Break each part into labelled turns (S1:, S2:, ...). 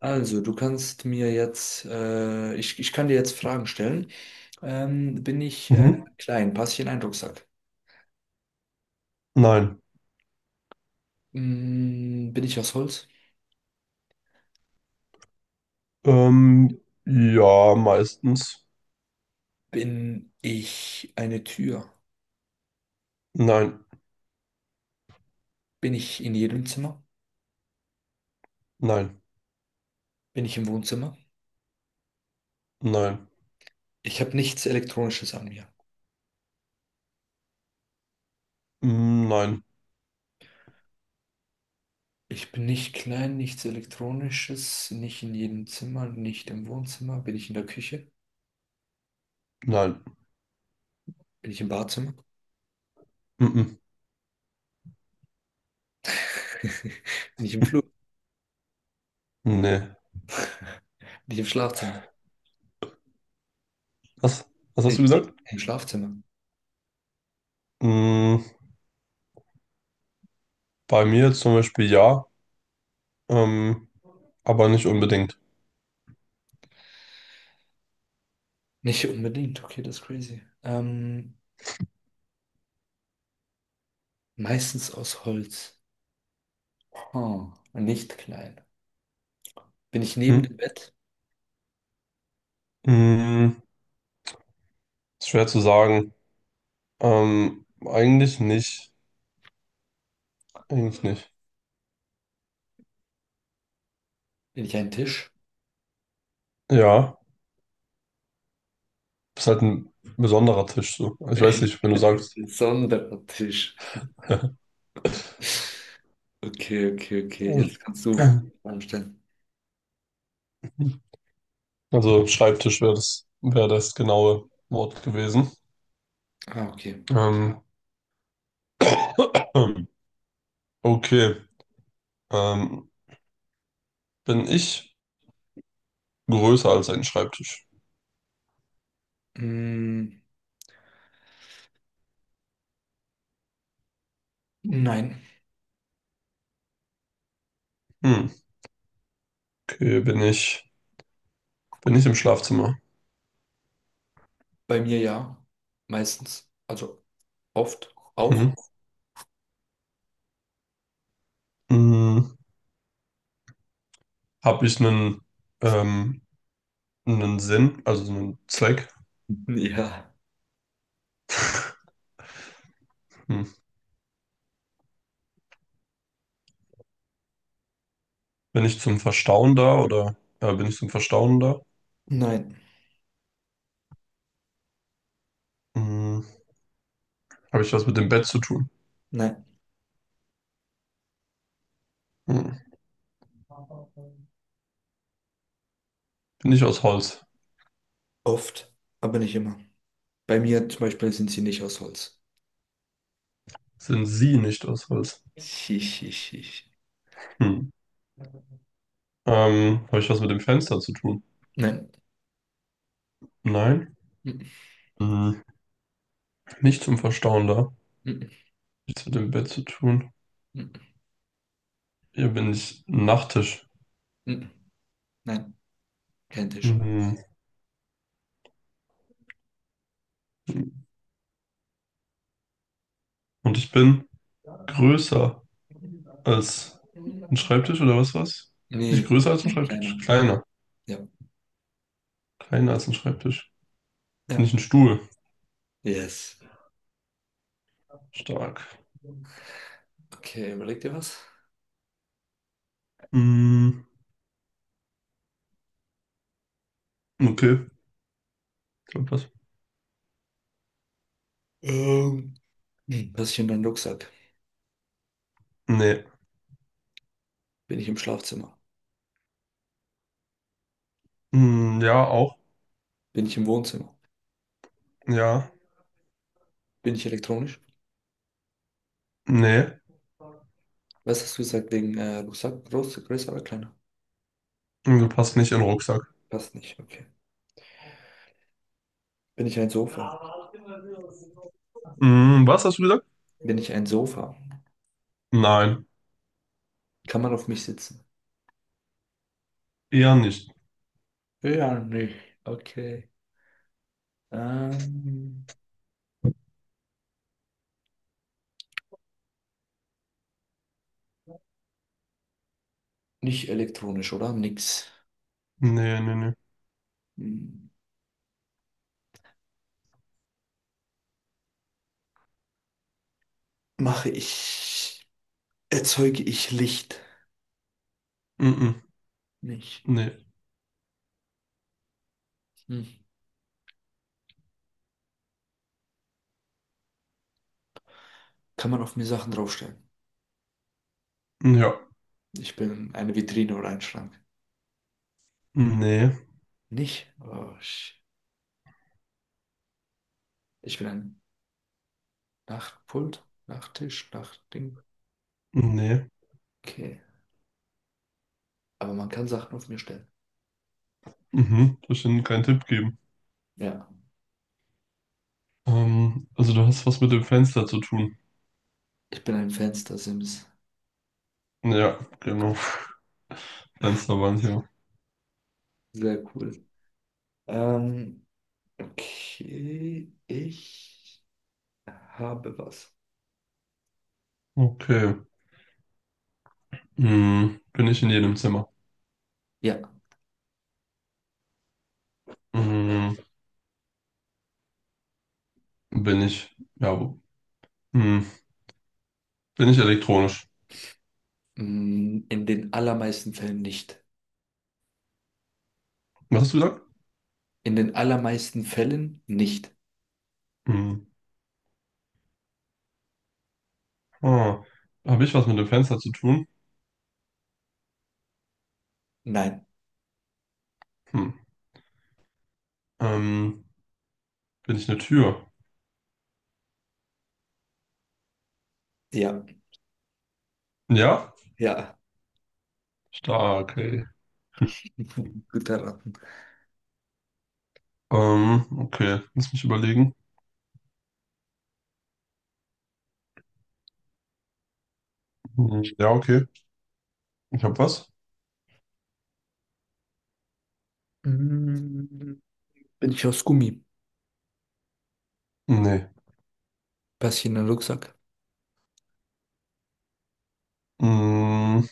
S1: Also, du kannst mir jetzt, ich kann dir jetzt Fragen stellen. Bin ich
S2: Mhm.
S1: klein? Passe ich in einen Rucksack?
S2: Nein.
S1: Bin ich aus Holz?
S2: Ähm, ja, meistens.
S1: Bin ich eine Tür?
S2: Nein,
S1: Bin ich in jedem Zimmer?
S2: nein,
S1: Bin ich im Wohnzimmer?
S2: nein,
S1: Ich habe nichts Elektronisches an mir.
S2: Nein,
S1: Ich bin nicht klein, nichts Elektronisches, nicht in jedem Zimmer, nicht im Wohnzimmer. Bin ich in der Küche?
S2: nein,
S1: Bin ich im Badezimmer?
S2: mhm.
S1: Bin ich im Flur?
S2: Nee.
S1: Bin ich im Schlafzimmer?
S2: Was, was
S1: Bin
S2: hast du
S1: ich
S2: gesagt?
S1: im Schlafzimmer?
S2: Mm, bei mir zum Beispiel ja, ähm, aber nicht unbedingt.
S1: Nicht unbedingt, okay, das ist crazy. Meistens aus Holz. Hm, nicht klein. Bin ich
S2: Hm?
S1: neben dem Bett?
S2: Mm, ist schwer zu sagen. Eigentlich nicht. Eigentlich nicht.
S1: Bin ich ein Tisch?
S2: Ja, ist halt ein besonderer Tisch so. Ich weiß
S1: Ein
S2: nicht, wenn du sagst.
S1: besonderer Tisch. Okay, okay, okay. Jetzt
S2: Also,
S1: kannst du Fragen stellen.
S2: also Schreibtisch wäre das genaue Wort gewesen.
S1: Ah, okay.
S2: Ähm, okay. Ähm, Bin ich größer als ein Schreibtisch?
S1: Mm, nein,
S2: Hm. Okay, bin ich im Schlafzimmer?
S1: bei mir ja. Meistens. Also oft auch.
S2: Hm. Hm. Habe ich ähm, einen Sinn, also einen Zweck?
S1: Ja.
S2: Hm. Bin ich zum Verstauen da oder Bin ich zum Verstauen da?
S1: Nein,
S2: Hm. Habe ich was mit dem Bett zu tun?
S1: nein.
S2: Hm. Bin ich aus Holz?
S1: Oft, aber nicht immer. Bei mir zum Beispiel sind sie nicht aus Holz.
S2: Sind Sie nicht aus Holz?
S1: Schisch, schisch, schisch.
S2: Hm. Habe ich was mit dem Fenster zu tun?
S1: Nein.
S2: Nein.
S1: Mm,
S2: Hm, nicht zum Verstauen da.
S1: mm, mm,
S2: Nichts mit dem Bett zu tun.
S1: mm,
S2: Hier bin ich ein Nachttisch.
S1: mm, mm. Nein, kein Tisch.
S2: Hm. Und ich bin größer als ein Schreibtisch oder was? Bin ich
S1: Nee,
S2: größer als ein
S1: ein kleiner.
S2: Schreibtisch? Kleiner.
S1: Ja.
S2: Kleiner als ein Schreibtisch. Bin
S1: Ja.
S2: ich ein Stuhl?
S1: Yes.
S2: Stark.
S1: Okay, überleg dir was.
S2: Hm, okay. Ich hab was.
S1: Ähm. Hm, was ist in deinem Rucksack?
S2: Nee.
S1: Bin ich im Schlafzimmer?
S2: Hm, ja, auch.
S1: Bin ich im Wohnzimmer?
S2: Ja.
S1: Bin ich elektronisch?
S2: Nee.
S1: Was hast du gesagt wegen Rucksack? Groß, größer oder kleiner?
S2: Du passt nicht in den Rucksack.
S1: Passt nicht, okay. Bin ich ein Sofa?
S2: Hm, was hast du gesagt?
S1: Bin ich ein Sofa?
S2: Nein.
S1: Kann man auf mich sitzen?
S2: Eher nicht.
S1: Ja, nicht. Okay. Ähm, nicht elektronisch, oder? Nix.
S2: Nee, nee, nee.
S1: Hm. Mache ich, erzeuge ich Licht?
S2: Mhm.
S1: Nicht.
S2: Ne.
S1: Hm. Kann man auf mir Sachen draufstellen?
S2: Ja.
S1: Ich bin eine Vitrine oder ein Schrank.
S2: Ne.
S1: Nicht? Oh, sh- ich bin ein Nachtpult, Nachttisch, Nachtding.
S2: Ne.
S1: Okay. Aber man kann Sachen auf mir stellen.
S2: Mhm. Soll ich denn keinen Tipp geben?
S1: Ja.
S2: Also du hast was mit dem Fenster zu tun.
S1: Ich bin ein Fenster-Sims.
S2: Ja, genau. Fensterwand, ja.
S1: Sehr cool. Ähm, okay. Ich habe was.
S2: Okay. Hm. Bin ich in jedem Zimmer?
S1: Ja.
S2: Hm. Bin ich. Ja, wo- Hm. Bin ich elektronisch?
S1: Mm,
S2: Was hast du gesagt?
S1: In den allermeisten Fällen nicht.
S2: Hm. Ah. Habe ich was mit dem Fenster zu tun?
S1: Nein,
S2: Hm. Ähm, Bin ich eine Tür?
S1: ja,
S2: Ja?
S1: ja.
S2: Stark, ey.
S1: Gut erraten.
S2: Okay. Lass mich überlegen. Hm, ja, okay. Ich habe was.
S1: Mm, bin ich aus Gummi?
S2: Nee.
S1: Passe ich in den Rucksack?
S2: Mm,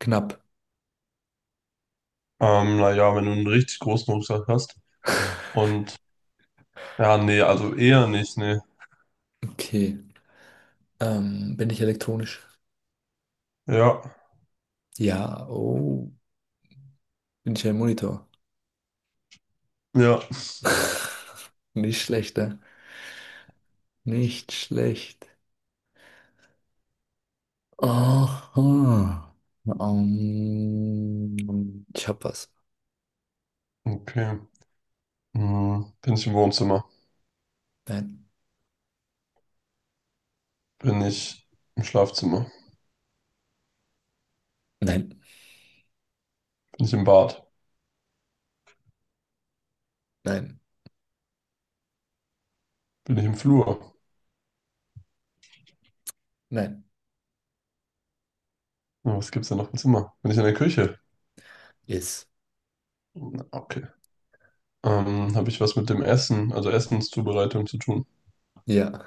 S1: Knapp.
S2: naja, wenn du einen richtig großen Rucksack hast. Und ja, nee, also eher nicht, nee.
S1: Okay. Bin ich elektronisch?
S2: Ja,
S1: Ja. Oh. Bin ich ein Monitor?
S2: ja.
S1: Nicht schlecht, ne? Nicht schlecht. Aha. Ähm, ich hab was.
S2: Okay. Mm, bin ich im Wohnzimmer?
S1: Nein.
S2: Bin ich im Schlafzimmer?
S1: Nein.
S2: Bin ich im Bad?
S1: Nein.
S2: Bin ich im Flur?
S1: Nein.
S2: Na, was gibt's denn noch im Zimmer? Bin ich in der Küche?
S1: Yes.
S2: Na, okay. Habe ich was mit dem Essen, also Essenszubereitung zu tun?
S1: Ja.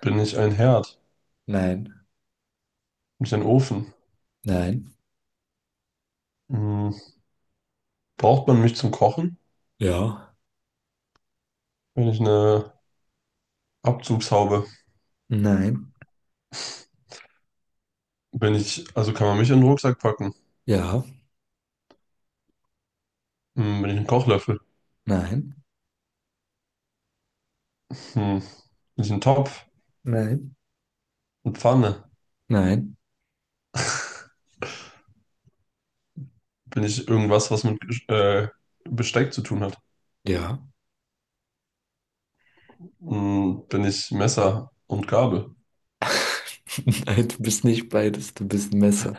S2: Bin ich ein Herd?
S1: Nein.
S2: Bin ich ein Ofen?
S1: Nein.
S2: Mm, braucht man mich zum Kochen?
S1: Ja.
S2: Bin ich eine Abzugshaube?
S1: Nein.
S2: Wenn ich, also kann man mich in den Rucksack packen?
S1: Ja.
S2: Hm, bin ich ein Kochlöffel?
S1: Nein.
S2: Hm. Bin ich ein Topf?
S1: Nein,
S2: Eine Pfanne?
S1: nein,
S2: Bin ich irgendwas, was Besteck zu tun hat?
S1: ja.
S2: Hm, bin ich Messer und Gabel?
S1: Nein, du bist nicht beides, du bist ein Messer.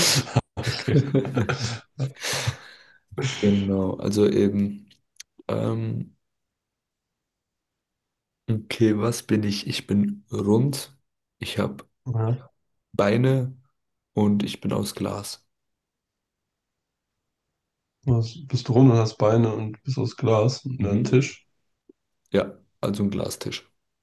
S2: Okay.
S1: Genau, also eben, ähm, okay, was bin ich? Ich bin rund, ich habe
S2: Ja.
S1: Beine und ich bin aus Glas.
S2: Was, bist du rund und hast Beine und bist aus Glas und ein
S1: Mhm.
S2: Tisch?
S1: Ja, also ein Glastisch.